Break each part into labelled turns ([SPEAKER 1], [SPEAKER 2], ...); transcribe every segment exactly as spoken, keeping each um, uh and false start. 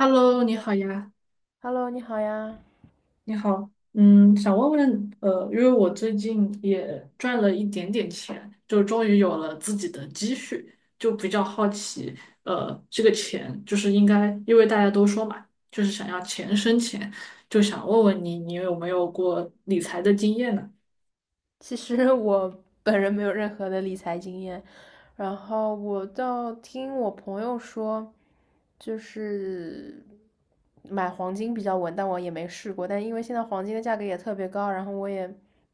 [SPEAKER 1] Hello，你好呀，
[SPEAKER 2] Hello,你好呀。
[SPEAKER 1] 你好，嗯，想问问，呃，因为我最近也赚了一点点钱，就终于有了自己的积蓄，就比较好奇，呃，这个钱就是应该，因为大家都说嘛，就是想要钱生钱，就想问问你，你有没有过理财的经验呢？
[SPEAKER 2] 其实我本人没有任何的理财经验，然后我倒听我朋友说，就是买黄金比较稳，但我也没试过。但因为现在黄金的价格也特别高，然后我也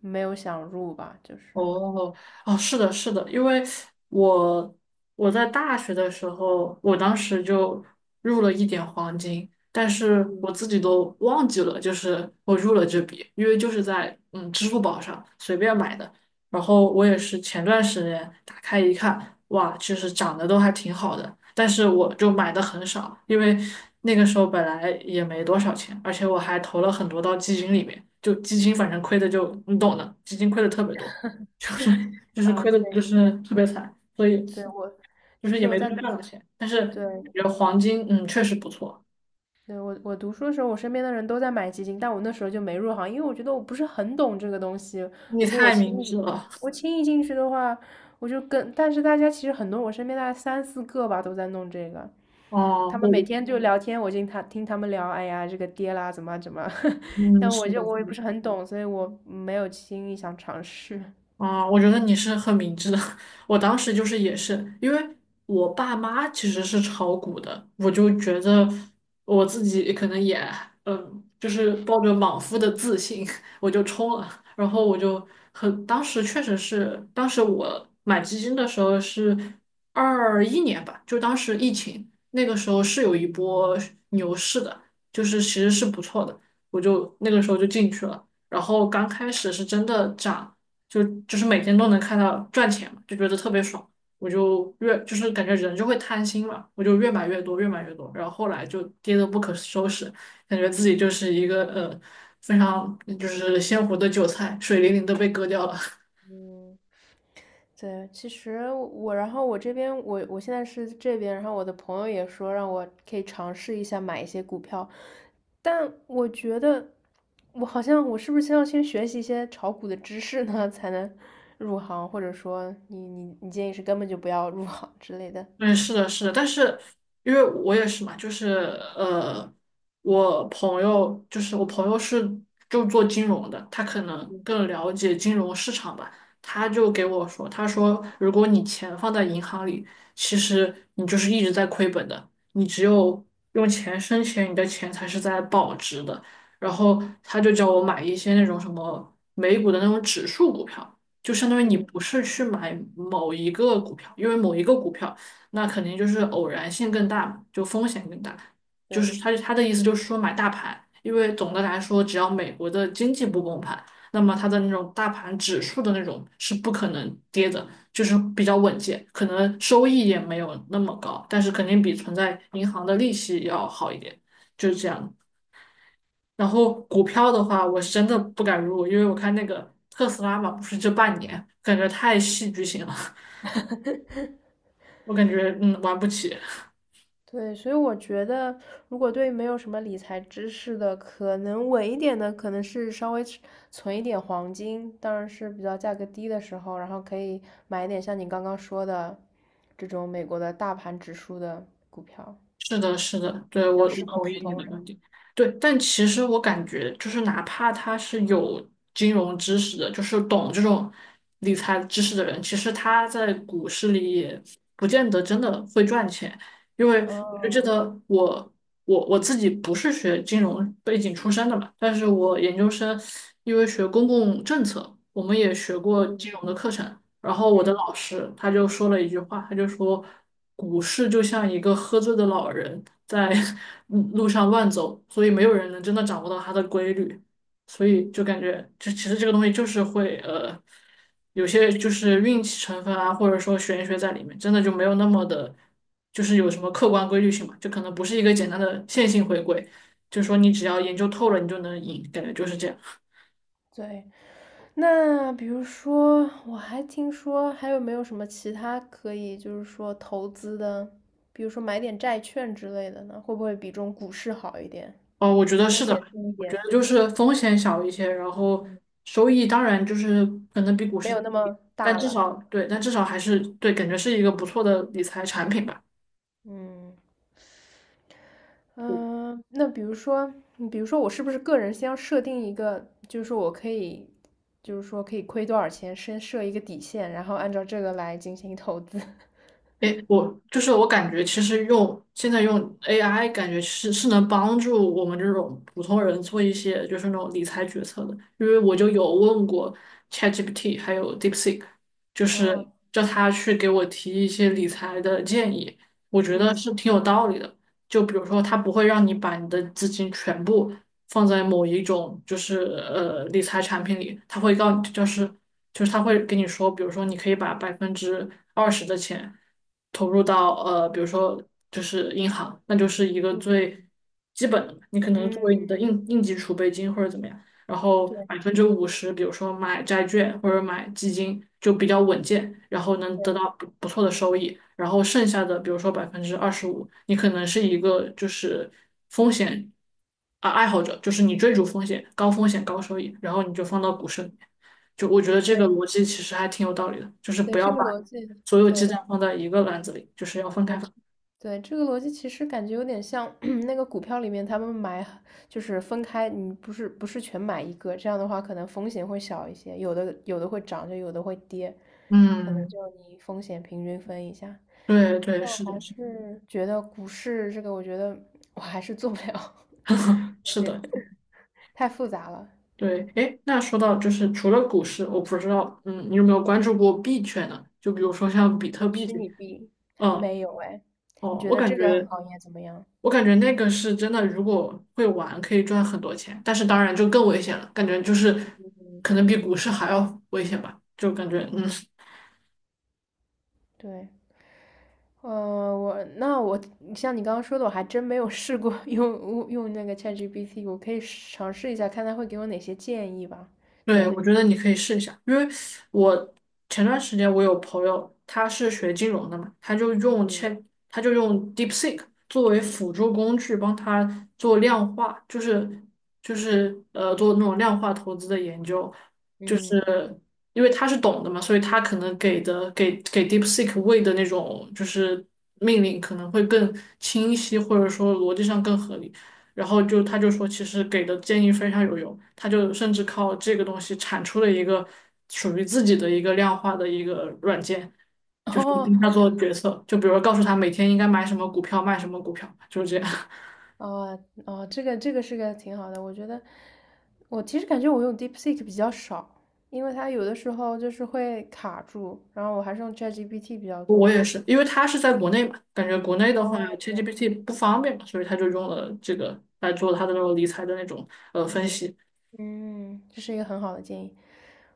[SPEAKER 2] 没有想入吧，就是
[SPEAKER 1] 哦哦，是的，是的，因为我我在大学的时候，我当时就入了一点黄金，但是我自己都忘记了，就是我入了这笔，因为就是在嗯支付宝上随便买的，然后我也是前段时间打开一看，哇，其实涨得都还挺好的，但是我就买的很少，因为那个时候本来也没多少钱，而且我还投了很多到基金里面，就基金反正亏的就你懂的，基金亏的特别多。就是就是
[SPEAKER 2] 啊，
[SPEAKER 1] 亏的，就
[SPEAKER 2] 对，
[SPEAKER 1] 是特别惨，所以
[SPEAKER 2] 对我
[SPEAKER 1] 就
[SPEAKER 2] 其
[SPEAKER 1] 是
[SPEAKER 2] 实
[SPEAKER 1] 也
[SPEAKER 2] 我
[SPEAKER 1] 没多
[SPEAKER 2] 在
[SPEAKER 1] 赚
[SPEAKER 2] 读，
[SPEAKER 1] 到钱。但是感
[SPEAKER 2] 对，
[SPEAKER 1] 觉黄金，嗯，确实不错。
[SPEAKER 2] 对，我我读书的时候，我身边的人都在买基金，但我那时候就没入行，因为我觉得我不是很懂这个东西。
[SPEAKER 1] 你
[SPEAKER 2] 如果我
[SPEAKER 1] 太
[SPEAKER 2] 轻
[SPEAKER 1] 明智
[SPEAKER 2] 易
[SPEAKER 1] 了，
[SPEAKER 2] 我轻易进去的话，我就跟，但是大家其实很多，我身边大概三四个吧都在弄这个，他
[SPEAKER 1] 哦，
[SPEAKER 2] 们每
[SPEAKER 1] 我，
[SPEAKER 2] 天就聊天，我听他听他们聊，哎呀，这个跌啦，怎么啊怎么啊，
[SPEAKER 1] 嗯，
[SPEAKER 2] 但
[SPEAKER 1] 是
[SPEAKER 2] 我
[SPEAKER 1] 的，
[SPEAKER 2] 就我
[SPEAKER 1] 是
[SPEAKER 2] 也
[SPEAKER 1] 的
[SPEAKER 2] 不是很懂，所以我没有轻易想尝试。
[SPEAKER 1] 啊，我觉得你是很明智的。我当时就是也是，因为我爸妈其实是炒股的，我就觉得我自己可能也，嗯，就是抱着莽夫的自信，我就冲了。然后我就很，当时确实是，当时我买基金的时候是二一年吧，就当时疫情那个时候是有一波牛市的，就是其实是不错的，我就那个时候就进去了。然后刚开始是真的涨。就就是每天都能看到赚钱嘛，就觉得特别爽。我就越就是感觉人就会贪心嘛，我就越买越多，越买越多，然后后来就跌得不可收拾，感觉自己就是一个呃非常就是鲜活的韭菜，水灵灵的被割掉了。
[SPEAKER 2] 对，其实我，然后我这边，我我现在是这边，然后我的朋友也说让我可以尝试一下买一些股票，但我觉得我好像我是不是先要先学习一些炒股的知识呢，才能入行，或者说你你你建议是根本就不要入行之类的。
[SPEAKER 1] 嗯，是的，是的，但是因为我也是嘛，就是呃，我朋友就是我朋友是就做金融的，他可能更了解金融市场吧，他就给我说，他说如果你钱放在银行里，其实你就是一直在亏本的，你只有用钱生钱，你的钱才是在保值的。然后他就叫我买一些那种什么美股的那种指数股票，就相当于你不
[SPEAKER 2] 嗯。
[SPEAKER 1] 是去买某一个股票，因为某一个股票。那肯定就是偶然性更大嘛，就风险更大。就
[SPEAKER 2] 对。
[SPEAKER 1] 是他他的意思就是说买大盘，因为总的来说，只要美国的经济不崩盘，那么它的那种大盘指数的那种是不可能跌的，就是比较稳健，可能收益也没有那么高，但是肯定比存在银行的利息要好一点，就是这样。然后股票的话，我是真的不敢入，因为我看那个特斯拉嘛，不是这半年感觉太戏剧性了，我感觉嗯玩不起。
[SPEAKER 2] 对，所以我觉得，如果对没有什么理财知识的，可能稳一点的，可能是稍微存存一点黄金，当然是比较价格低的时候，然后可以买一点像你刚刚说的这种美国的大盘指数的股票，
[SPEAKER 1] 是的，是的，对，
[SPEAKER 2] 比较
[SPEAKER 1] 我我
[SPEAKER 2] 适合
[SPEAKER 1] 同
[SPEAKER 2] 普
[SPEAKER 1] 意你
[SPEAKER 2] 通
[SPEAKER 1] 的观
[SPEAKER 2] 人。
[SPEAKER 1] 点。对，但其实我感觉，就是哪怕他是有金融知识的，就是懂这种理财知识的人，其实他在股市里也不见得真的会赚钱，因为我就记
[SPEAKER 2] 哦，
[SPEAKER 1] 得我我我自己不是学金融背景出身的嘛，但是我研究生因为学公共政策，我们也学过
[SPEAKER 2] 嗯
[SPEAKER 1] 金融的课程，然后我的
[SPEAKER 2] 嗯。
[SPEAKER 1] 老师他就说了一句话，他就说，股市就像一个喝醉的老人在 嗯路上乱走，所以没有人能真的掌握到它的规律，所以就感觉这其实这个东西就是会呃，有些就是运气成分啊，或者说玄学在里面，真的就没有那么的，就是有什么客观规律性嘛，就可能不是一个简单的线性回归，就说你只要研究透了，你就能赢，感觉就是这样。
[SPEAKER 2] 对，那比如说，我还听说还有没有什么其他可以，就是说投资的，比如说买点债券之类的呢？会不会比这种股市好一点，
[SPEAKER 1] 哦，我觉得
[SPEAKER 2] 风
[SPEAKER 1] 是的。
[SPEAKER 2] 险低一
[SPEAKER 1] 我觉
[SPEAKER 2] 点？
[SPEAKER 1] 得就是风险小一些，然后
[SPEAKER 2] 嗯，
[SPEAKER 1] 收益当然就是可能比股
[SPEAKER 2] 没
[SPEAKER 1] 市
[SPEAKER 2] 有
[SPEAKER 1] 低，
[SPEAKER 2] 那么
[SPEAKER 1] 但
[SPEAKER 2] 大
[SPEAKER 1] 至
[SPEAKER 2] 了。
[SPEAKER 1] 少对，但至少还是对，感觉是一个不错的理财产品吧。
[SPEAKER 2] 嗯嗯、呃那比如说，嗯比如说我是不是个人先要设定一个，就是说我可以，就是说可以亏多少钱，先设一个底线，然后按照这个来进行投资。
[SPEAKER 1] 诶，我就是我感觉，其实用现在用 A I,感觉是是能帮助我们这种普通人做一些就是那种理财决策的。因为我就有问过 ChatGPT 还有 DeepSeek,就
[SPEAKER 2] 哦，
[SPEAKER 1] 是叫他去给我提一些理财的建议，我觉得
[SPEAKER 2] 嗯
[SPEAKER 1] 是挺有道理的。就比如说，他不会让你把你的资金全部放在某一种就是呃理财产品里，他会告就是就是他会跟你说，比如说你可以把百分之二十的钱投入到呃比如说就是银行，那就是一个
[SPEAKER 2] 嗯
[SPEAKER 1] 最基本的嘛，你可能作
[SPEAKER 2] 嗯，
[SPEAKER 1] 为你的应应急储备金或者怎么样。然后百
[SPEAKER 2] 对。
[SPEAKER 1] 分之五十，比如说买债券或者买基金，就比较稳健，然后能得
[SPEAKER 2] 对
[SPEAKER 1] 到不不错的收益。然后剩下的，比如说百分之二十五，你可能是一个就是风险啊爱好者，就是你追逐风险，高风险高收益，然后你就放到股市里面。就我觉得这
[SPEAKER 2] 对
[SPEAKER 1] 个逻辑其实还挺有道理的，就是
[SPEAKER 2] 对，
[SPEAKER 1] 不要
[SPEAKER 2] 这个
[SPEAKER 1] 把
[SPEAKER 2] 逻辑，
[SPEAKER 1] 所有鸡
[SPEAKER 2] 对
[SPEAKER 1] 蛋放在一个篮子里，就是要分
[SPEAKER 2] 对
[SPEAKER 1] 开放。
[SPEAKER 2] 这对，这个逻辑其实感觉有点像 那个股票里面他们买，就是分开，你不是不是全买一个，这样的话可能风险会小一些，有的有的会涨，就有的会跌，可能
[SPEAKER 1] 嗯，
[SPEAKER 2] 就你风险平均分一下。
[SPEAKER 1] 对对，
[SPEAKER 2] 但我
[SPEAKER 1] 是
[SPEAKER 2] 还
[SPEAKER 1] 的，是
[SPEAKER 2] 是觉得股市这个，我觉得我还是做不了，
[SPEAKER 1] 的，
[SPEAKER 2] 感
[SPEAKER 1] 是
[SPEAKER 2] 觉
[SPEAKER 1] 的。
[SPEAKER 2] 太复杂了
[SPEAKER 1] 对，哎，那说到就是除了股市，我不知道，嗯，你有没有关注过币圈呢？就比如说像比特 币
[SPEAKER 2] 虚
[SPEAKER 1] 这，
[SPEAKER 2] 拟币
[SPEAKER 1] 嗯，
[SPEAKER 2] 没有哎，你
[SPEAKER 1] 哦，
[SPEAKER 2] 觉
[SPEAKER 1] 我
[SPEAKER 2] 得
[SPEAKER 1] 感
[SPEAKER 2] 这个
[SPEAKER 1] 觉，
[SPEAKER 2] 行业怎么样？
[SPEAKER 1] 我感觉那个是真的，如果会玩可以赚很多钱，但是当然就更危险了，感觉就是
[SPEAKER 2] 嗯，
[SPEAKER 1] 可能比股市还要危险吧，就感觉，嗯，
[SPEAKER 2] 对。呃，我那我像你刚刚说的，我还真没有试过 用用那个 ChatGPT,我可以尝试一下，看它会给我哪些建议吧。
[SPEAKER 1] 对，
[SPEAKER 2] 对，
[SPEAKER 1] 我觉得你可以试一下，因为我前段时间我有朋友，他是学金融的嘛，他就用
[SPEAKER 2] 嗯
[SPEAKER 1] 千，他就用 DeepSeek 作为辅助工具，帮他做量化，就是就是呃做那种量化投资的研究，就
[SPEAKER 2] 嗯，
[SPEAKER 1] 是因为他是懂的嘛，所以他可能给的给给 DeepSeek 喂的那种就是命令可能会更清晰，或者说逻辑上更合理。然后就他就说，其实给的建议非常有用，他就甚至靠这个东西产出了一个属于自己的一个量化的一个软件，跟
[SPEAKER 2] 哦
[SPEAKER 1] 他做决策。就比如告诉他每天应该买什么股票，卖什么股票，就是这样。
[SPEAKER 2] 哦哦，这个这个是个挺好的，我觉得我其实感觉我用 DeepSeek 比较少，因为它有的时候就是会卡住，然后我还是用 ChatGPT 比较
[SPEAKER 1] 我
[SPEAKER 2] 多。
[SPEAKER 1] 也是，因为他是在国内嘛，感觉国内的话
[SPEAKER 2] 哦，这样，
[SPEAKER 1] ，ChatGPT 不方便嘛，所以他就用了这个来做他的那种理财的那种呃分
[SPEAKER 2] 嗯。
[SPEAKER 1] 析。
[SPEAKER 2] 嗯，这是一个很好的建议。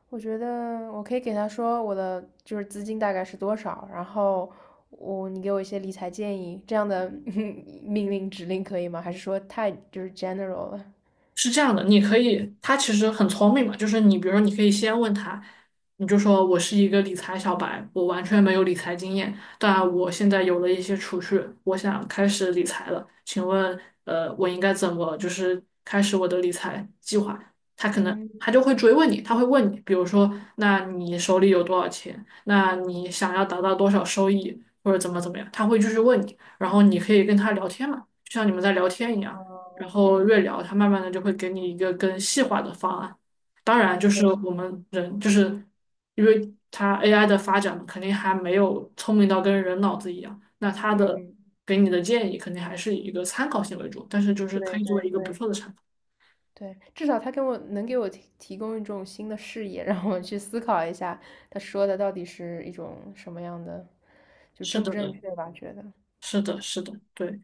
[SPEAKER 2] 我觉得我可以给他说我的就是资金大概是多少，然后我你给我一些理财建议，这样的 命令指令可以吗？还是说太就是 general 了？
[SPEAKER 1] 是这样的，你可以，他其实很聪明嘛，就是你，比如说，你可以先问他，你就说我是一个理财小白，我完全没有理财经验，但我现在有了一些储蓄，我想开始理财了，请问，呃，我应该怎么就是开始我的理财计划？他可能
[SPEAKER 2] 嗯，
[SPEAKER 1] 他就会追问你，他会问你，比如说，那你手里有多少钱？那你想要达到多少收益，或者怎么怎么样？他会继续问你，然后你可以跟他聊天嘛，就像你们在聊天一样。
[SPEAKER 2] 哦
[SPEAKER 1] 然
[SPEAKER 2] ，OK
[SPEAKER 1] 后越
[SPEAKER 2] OK,
[SPEAKER 1] 聊，它慢慢的就会给你一个更细化的方案。当然，就
[SPEAKER 2] 可
[SPEAKER 1] 是
[SPEAKER 2] 以。
[SPEAKER 1] 我们人，就是因为它 A I 的发展嘛肯定还没有聪明到跟人脑子一样，那它的
[SPEAKER 2] 嗯，
[SPEAKER 1] 给你的建议肯定还是以一个参考性为主，但是就是可
[SPEAKER 2] 对
[SPEAKER 1] 以作为
[SPEAKER 2] 对
[SPEAKER 1] 一个不
[SPEAKER 2] 对
[SPEAKER 1] 错的参考。
[SPEAKER 2] 对，至少他给我能给我提提供一种新的视野，让我去思考一下他说的到底是一种什么样的，就
[SPEAKER 1] 是
[SPEAKER 2] 正不正
[SPEAKER 1] 的，
[SPEAKER 2] 确吧？觉得
[SPEAKER 1] 是的，是的，对，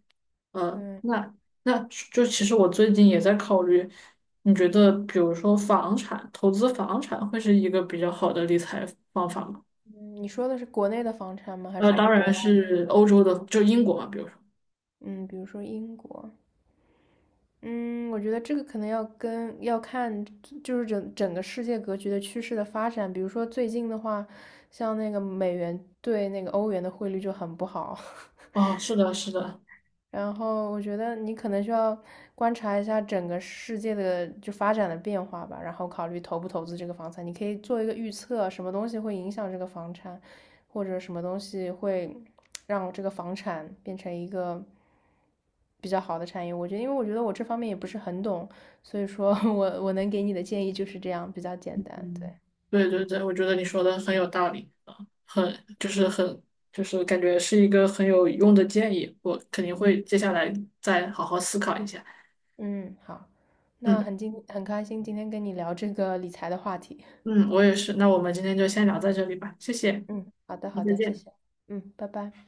[SPEAKER 1] 呃，
[SPEAKER 2] 对。
[SPEAKER 1] 那那就其实我最近也在考虑，你觉得比如说房产，投资房产会是一个比较好的理财方法吗？
[SPEAKER 2] 嗯，你说的是国内的房产吗？还
[SPEAKER 1] 呃，
[SPEAKER 2] 是和
[SPEAKER 1] 当然
[SPEAKER 2] 国外？
[SPEAKER 1] 是欧洲的，就英国嘛，比如说。
[SPEAKER 2] 嗯，比如说英国。嗯，我觉得这个可能要跟要看，就是整整个世界格局的趋势的发展。比如说最近的话，像那个美元对那个欧元的汇率就很不好。
[SPEAKER 1] 哦，是的，是的，
[SPEAKER 2] 然后我觉得你可能需要观察一下整个世界的就发展的变化吧，然后考虑投不投资这个房产。你可以做一个预测，什么东西会影响这个房产，或者什么东西会让这个房产变成一个比较好的产业。我觉得，因为我觉得我这方面也不是很懂，所以说 我我能给你的建议就是这样，比较简单。对，
[SPEAKER 1] 嗯，对对对，我觉得你说的很有道理啊，很就是很就是感觉是一个很有用的建议，我肯定会
[SPEAKER 2] 嗯
[SPEAKER 1] 接下来再好好思考一下。
[SPEAKER 2] 嗯，好，那
[SPEAKER 1] 嗯
[SPEAKER 2] 很今很开心今天跟你聊这个理财的话题。
[SPEAKER 1] 嗯，我也是。那我们今天就先聊在这里吧，谢谢，
[SPEAKER 2] 嗯，好的，
[SPEAKER 1] 那
[SPEAKER 2] 好
[SPEAKER 1] 再
[SPEAKER 2] 的，谢
[SPEAKER 1] 见。
[SPEAKER 2] 谢。嗯，拜拜。